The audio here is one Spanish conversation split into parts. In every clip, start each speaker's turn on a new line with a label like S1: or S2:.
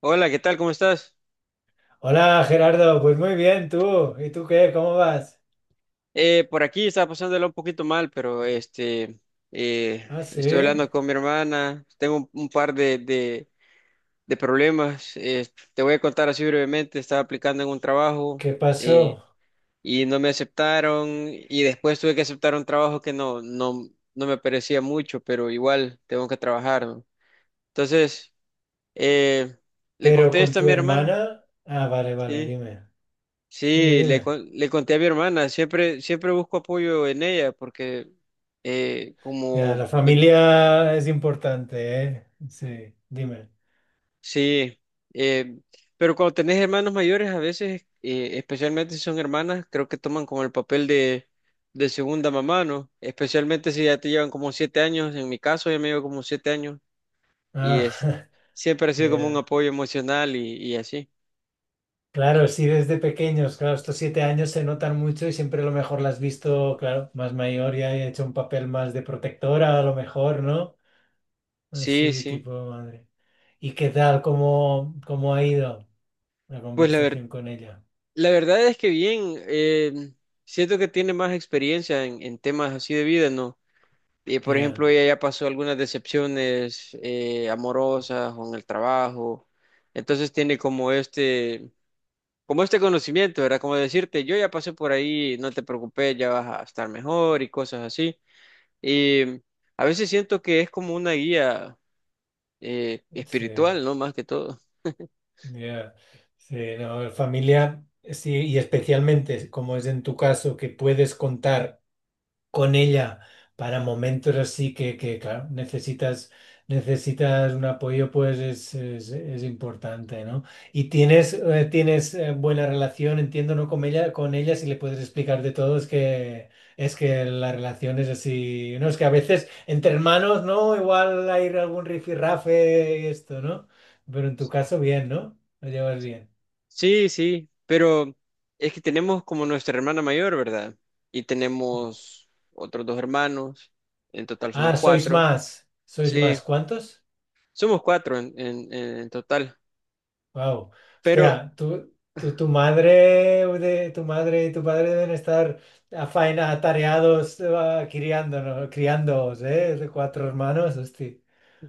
S1: Hola, ¿qué tal? ¿Cómo estás?
S2: Hola Gerardo, pues muy bien tú. ¿Y tú qué? ¿Cómo vas?
S1: Por aquí estaba pasándolo un poquito mal, pero
S2: Ah,
S1: estoy
S2: sí.
S1: hablando con mi hermana. Tengo un par de problemas. Te voy a contar así brevemente. Estaba aplicando en un trabajo,
S2: ¿Qué
S1: eh,
S2: pasó?
S1: y no me aceptaron, y después tuve que aceptar un trabajo que no me parecía mucho, pero igual tengo que trabajar, ¿no? Entonces, eh, le
S2: ¿Pero con
S1: contesto a
S2: tu
S1: mi hermana,
S2: hermana? Ah, vale, vale,
S1: sí.
S2: dime. Dime,
S1: Sí,
S2: dime.
S1: le conté a mi hermana. Siempre busco apoyo en ella, porque
S2: Ya,
S1: como,
S2: la familia es importante, ¿eh? Sí, dime.
S1: sí. eh, pero cuando tenés hermanos mayores, a veces, especialmente si son hermanas, creo que toman como el papel de segunda mamá, ¿no? Especialmente si ya te llevan como 7 años. En mi caso, ya me llevo como 7 años, y
S2: Ah,
S1: es, siempre ha sido como un
S2: ya.
S1: apoyo emocional y así.
S2: Claro, sí, desde pequeños, claro, estos 7 años se notan mucho y siempre a lo mejor la has visto, claro, más mayor y ha hecho un papel más de protectora, a lo mejor, ¿no?
S1: Sí,
S2: Así,
S1: sí.
S2: tipo madre. ¿Y qué tal? ¿Cómo ha ido una
S1: Pues la verdad.
S2: conversación con ella?
S1: La verdad es que bien. Siento que tiene más experiencia en temas así de vida, ¿no? Por
S2: Ya,
S1: ejemplo, ella ya pasó algunas decepciones, amorosas o en el trabajo. Entonces tiene como este conocimiento, ¿verdad? Como decirte, yo ya pasé por ahí, no te preocupes, ya vas a estar mejor y cosas así. Y a veces siento que es como una guía,
S2: sí,
S1: espiritual, ¿no? Más que todo.
S2: ya, sí, no, familia, sí, y especialmente como es en tu caso, que puedes contar con ella para momentos así que, claro, necesitas un apoyo, pues es importante, ¿no? Y tienes buena relación, entiendo, ¿no? Con ella, si le puedes explicar de todo, es que la relación es así, ¿no? Es que a veces entre hermanos, ¿no? Igual hay algún rifirrafe y esto, ¿no? Pero en tu caso, bien, ¿no? Lo llevas bien.
S1: Sí, sí, pero es que tenemos como nuestra hermana mayor, ¿verdad? Y
S2: Mm.
S1: tenemos otros dos hermanos. En total somos
S2: Ah, sois
S1: cuatro.
S2: más. ¿Sois
S1: Sí,
S2: más? ¿Cuántos?
S1: somos cuatro en total.
S2: Wow.
S1: Pero,
S2: Hostia, tu, tu, tu madre tu madre y tu padre deben estar a faena, atareados, criándoos, ¿eh? De cuatro hermanos, hostia.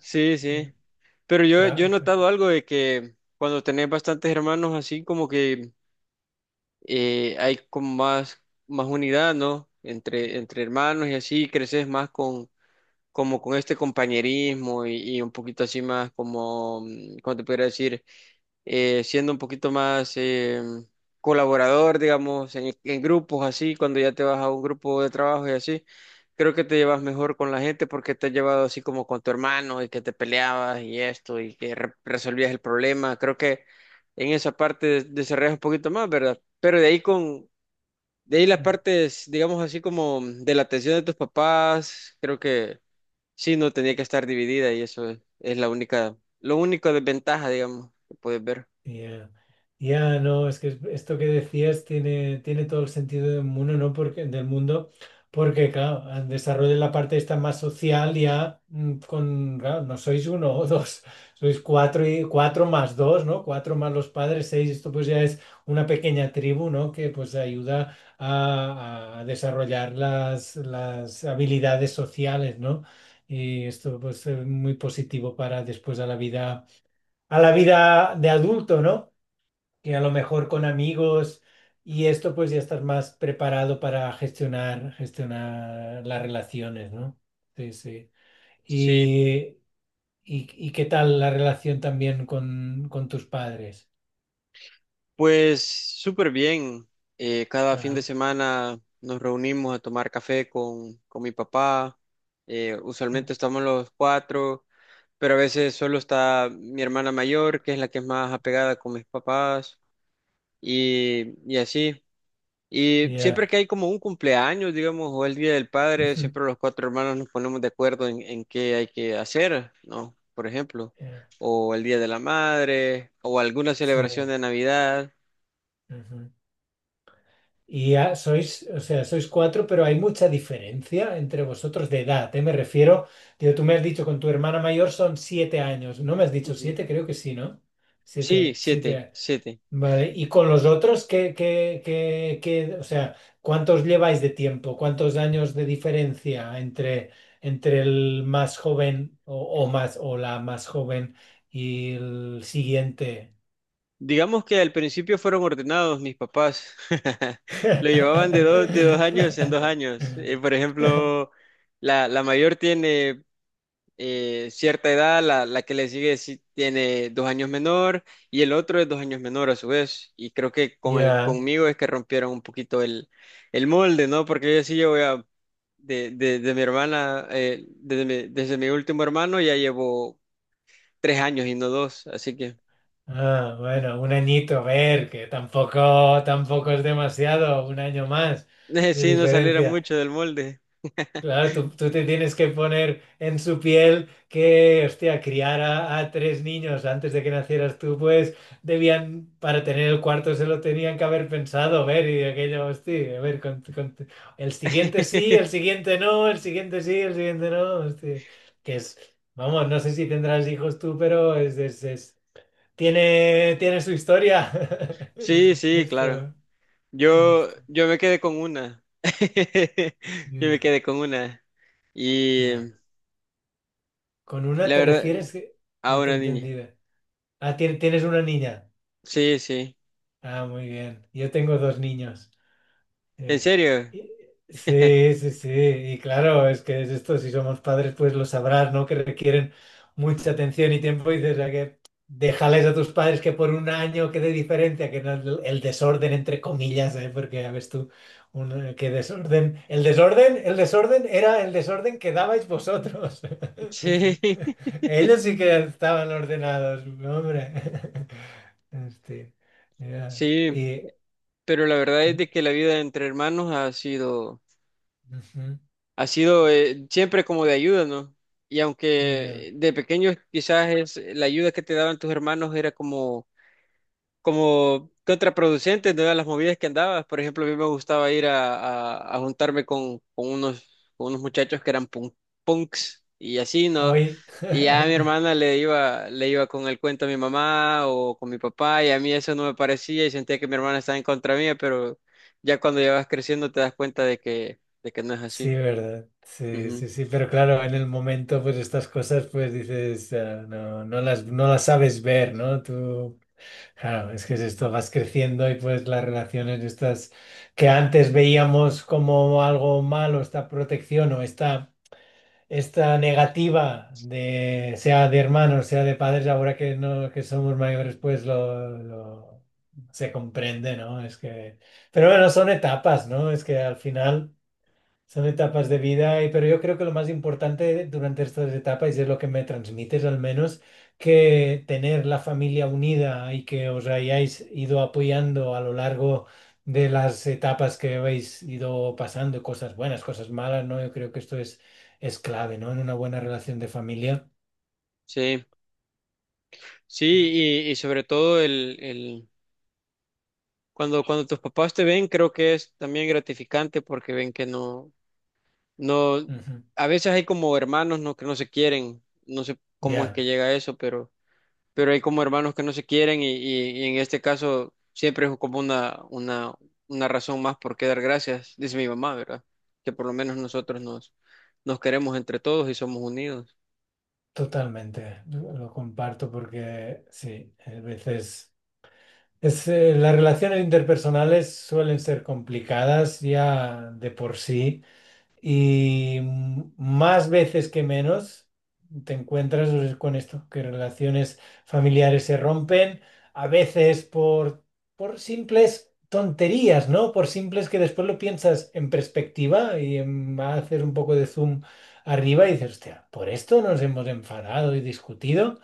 S1: sí, sí, pero yo he
S2: Tra-
S1: notado algo de que, cuando tenés bastantes hermanos así, como que hay como más unidad, ¿no? Entre hermanos. Y así creces más con, como con este compañerismo y un poquito así más como, ¿cómo te podría decir? Siendo un poquito más, colaborador, digamos, en grupos así. Cuando ya te vas a un grupo de trabajo y así, creo que te llevas mejor con la gente, porque te has llevado así como con tu hermano y que te peleabas y esto, y que resolvías el problema. Creo que en esa parte desarrollas un poquito más, ¿verdad? Pero de ahí las
S2: tra-
S1: partes, digamos, así como de la atención de tus papás, creo que sí, no tenía que estar dividida. Y eso es lo único desventaja, digamos, que puedes ver.
S2: Ya, ya, no, es que esto que decías tiene todo el sentido del mundo, ¿no? Porque, del mundo, porque, claro, al desarrollo de la parte esta más social ya, con, claro, no sois uno o dos, sois cuatro y cuatro más dos, ¿no? Cuatro más los padres, seis, esto pues ya es una pequeña tribu, ¿no? Que pues ayuda a desarrollar las habilidades sociales, ¿no? Y esto pues es muy positivo para después a la vida, de adulto, ¿no? Que a lo mejor con amigos y esto pues ya estás más preparado para gestionar las relaciones, ¿no? Sí, sí.
S1: Sí,
S2: Y, y qué tal la relación también con tus padres?
S1: pues súper bien. Cada fin de
S2: Ah,
S1: semana nos reunimos a tomar café con mi papá. Usualmente estamos los cuatro, pero a veces solo está mi hermana mayor, que es la que es más apegada con mis papás, y así. Y siempre
S2: ya.
S1: que hay como un cumpleaños, digamos, o el Día del Padre,
S2: Ujú,
S1: siempre los cuatro hermanos nos ponemos de acuerdo en qué hay que hacer, ¿no? Por ejemplo,
S2: ya.
S1: o el Día de la Madre, o alguna
S2: Sí.
S1: celebración de Navidad.
S2: Ujú. Y ya sois, o sea, sois cuatro, pero hay mucha diferencia entre vosotros de edad, ¿eh? Me refiero, digo, tú me has dicho con tu hermana mayor son 7 años, ¿no me has dicho
S1: Ujú.
S2: siete? Creo que sí, ¿no?
S1: Sí,
S2: Siete,
S1: siete,
S2: siete.
S1: siete.
S2: Vale, y con los otros, o sea, cuántos lleváis de tiempo? ¿Cuántos años de diferencia entre el más joven o más o la más joven y el siguiente?
S1: Digamos que al principio fueron ordenados mis papás. Lo llevaban de 2 años en dos años. Por ejemplo, la mayor tiene, cierta edad. La que le sigue sí tiene 2 años menor, y el otro es 2 años menor a su vez. Y creo que con
S2: Ya.
S1: conmigo es que rompieron un poquito el molde, ¿no? Porque yo sí, yo voy a. De mi hermana, desde mi último hermano, ya llevo 3 años y no dos, así que.
S2: Ah, bueno, un añito, a ver, que tampoco es demasiado, un año más de
S1: Sí, no saliera
S2: diferencia.
S1: mucho del molde.
S2: Claro, tú te tienes que poner en su piel que, hostia, criar a tres niños antes de que nacieras tú, pues debían, para tener el cuarto se lo tenían que haber pensado, ver, y aquello, hostia, a ver, el siguiente sí, el siguiente no, el siguiente sí, el siguiente no, hostia, que es, vamos, no sé si tendrás hijos tú, pero tiene su historia.
S1: Sí, sí, claro.
S2: Esto,
S1: Yo,
S2: esto,
S1: yo me quedé con una. Yo me
S2: ya,
S1: quedé con una. Y
S2: ya. Con una
S1: la
S2: te refieres
S1: verdad,
S2: que...
S1: a
S2: No te he
S1: una niña.
S2: entendido. Ah, tienes una niña.
S1: Sí, sí.
S2: Ah, muy bien. Yo tengo dos niños.
S1: ¿En
S2: Eh,
S1: serio?
S2: y- sí, sí, sí, y claro, es que es esto, si somos padres, pues lo sabrás, ¿no? Que requieren mucha atención y tiempo y dices, "Ah, que déjales a tus padres que por un año quede diferencia, que no el desorden, entre comillas, ¿eh? Porque ya ves tú, qué desorden, el desorden era el desorden que dabais vosotros.
S1: Sí,
S2: Ellos sí que estaban ordenados, no, hombre. Este, ya.
S1: sí.
S2: Y...
S1: Pero la verdad es
S2: Ujú,
S1: de que la vida entre hermanos ha sido siempre como de ayuda, ¿no? Y
S2: ya.
S1: aunque de pequeños quizás es la ayuda que te daban tus hermanos, era como contraproducentes de las movidas que andabas. Por ejemplo, a mí me gustaba ir a juntarme con unos muchachos que eran punks y así, ¿no?
S2: Hoy,
S1: Y ya a mi hermana le iba con el cuento a mi mamá o con mi papá, y a mí eso no me parecía, y sentía que mi hermana estaba en contra mía. Pero ya cuando ya vas creciendo, te das cuenta de que no es
S2: sí,
S1: así.
S2: ¿verdad? Sí,
S1: Ujú.
S2: sí, sí, pero claro, en el momento, pues estas cosas, pues dices, no, no las sabes ver, ¿no? Tú, claro, es que es esto, vas creciendo y pues las relaciones estas que antes veíamos como algo malo, esta protección o esta negativa de, sea de hermanos, sea de padres, ahora que no, que somos mayores, pues se comprende, ¿no? Es que, pero bueno, son etapas, ¿no? Es que al final... Son etapas de vida, pero yo creo que lo más importante durante estas etapas, y es lo que me transmites al menos, que tener la familia unida y que os hayáis ido apoyando a lo largo de las etapas que habéis ido pasando, cosas buenas, cosas malas, ¿no? Yo creo que esto es clave, ¿no? En una buena relación de familia.
S1: Sí, sí. Y sobre todo, cuando tus papás te ven, creo que es también gratificante, porque ven que no. No,
S2: Ujú.
S1: a veces hay como hermanos no, que no se quieren. No sé cómo es que
S2: Ya,
S1: llega a eso, pero hay como hermanos que no se quieren. Y y en este caso siempre es como una razón más por qué dar gracias, dice mi mamá, ¿verdad? Que por lo menos nosotros nos queremos entre todos y somos unidos.
S2: totalmente. Lo comparto porque sí, a veces... Las relaciones interpersonales suelen ser complicadas ya de por sí y más veces que menos te encuentras pues, con esto, que relaciones familiares se rompen, a veces por simples tonterías, ¿no? Por simples que después lo piensas en perspectiva y haces un poco de zoom arriba y dices, hostia, por esto nos hemos enfadado y discutido.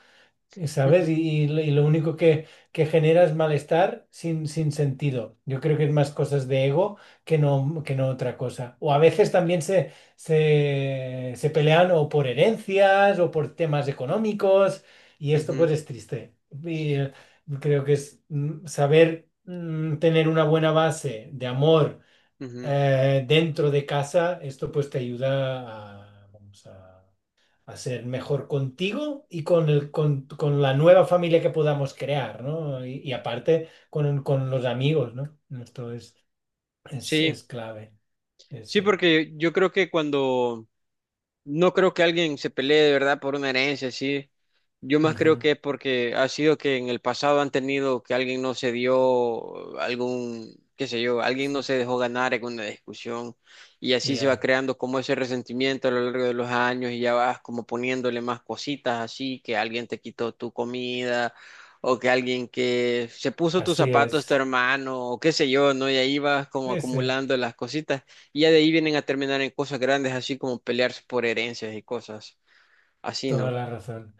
S2: ¿Sabes?
S1: Ujú,
S2: Y lo y lo único que genera es malestar sin sentido. Yo creo que es más cosas de ego que no otra cosa. O a veces también se pelean o por herencias o por temas económicos y esto pues
S1: ujú.
S2: es triste. Y creo que es saber tener una buena base de amor dentro de casa, esto pues te ayuda, vamos, a ser mejor contigo y con la nueva familia que podamos crear, ¿no? Y aparte con los amigos, ¿no? Esto es, es,
S1: Sí,
S2: es clave.
S1: sí,
S2: Ese.
S1: porque yo creo que cuando no creo que alguien se pelee de verdad por una herencia, sí. Yo más creo
S2: Ujú.
S1: que es porque ha sido que en el pasado han tenido que alguien no se dio algún, qué sé yo, alguien
S2: Sí,
S1: no se dejó ganar en una discusión. Y así se va
S2: ya,
S1: creando como ese resentimiento a lo largo de los años, y ya vas como poniéndole más cositas así, que alguien te quitó tu comida, o que alguien que se puso tus
S2: así
S1: zapatos, tu
S2: es.
S1: hermano o qué sé yo, ¿no? Y ahí vas como
S2: Sí, sí,
S1: acumulando las cositas. Y ya de ahí vienen a terminar en cosas grandes, así como pelearse por herencias y cosas así,
S2: toda
S1: ¿no?
S2: la razón.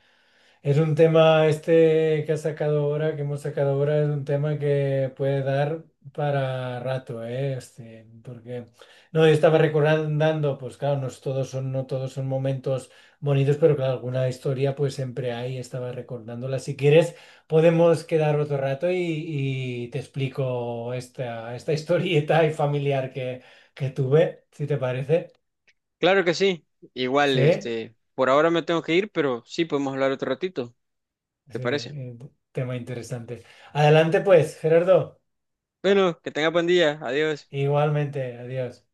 S2: Es un tema este que has sacado ahora, que hemos sacado ahora, es un tema que puede dar para rato, ¿eh? Este, porque no, yo estaba recordando, pues claro, no todos son momentos bonitos, pero claro, alguna historia pues siempre hay, estaba recordándola. Si quieres, podemos quedar otro rato y te explico esta historieta y familiar que tuve, si te parece.
S1: Claro que sí. Igual,
S2: Sí,
S1: por ahora me tengo que ir, pero sí podemos hablar otro ratito. ¿Te
S2: sí,
S1: parece?
S2: tema interesante. Adelante pues, Gerardo.
S1: Bueno, que tenga buen día. Adiós.
S2: Igualmente, adiós.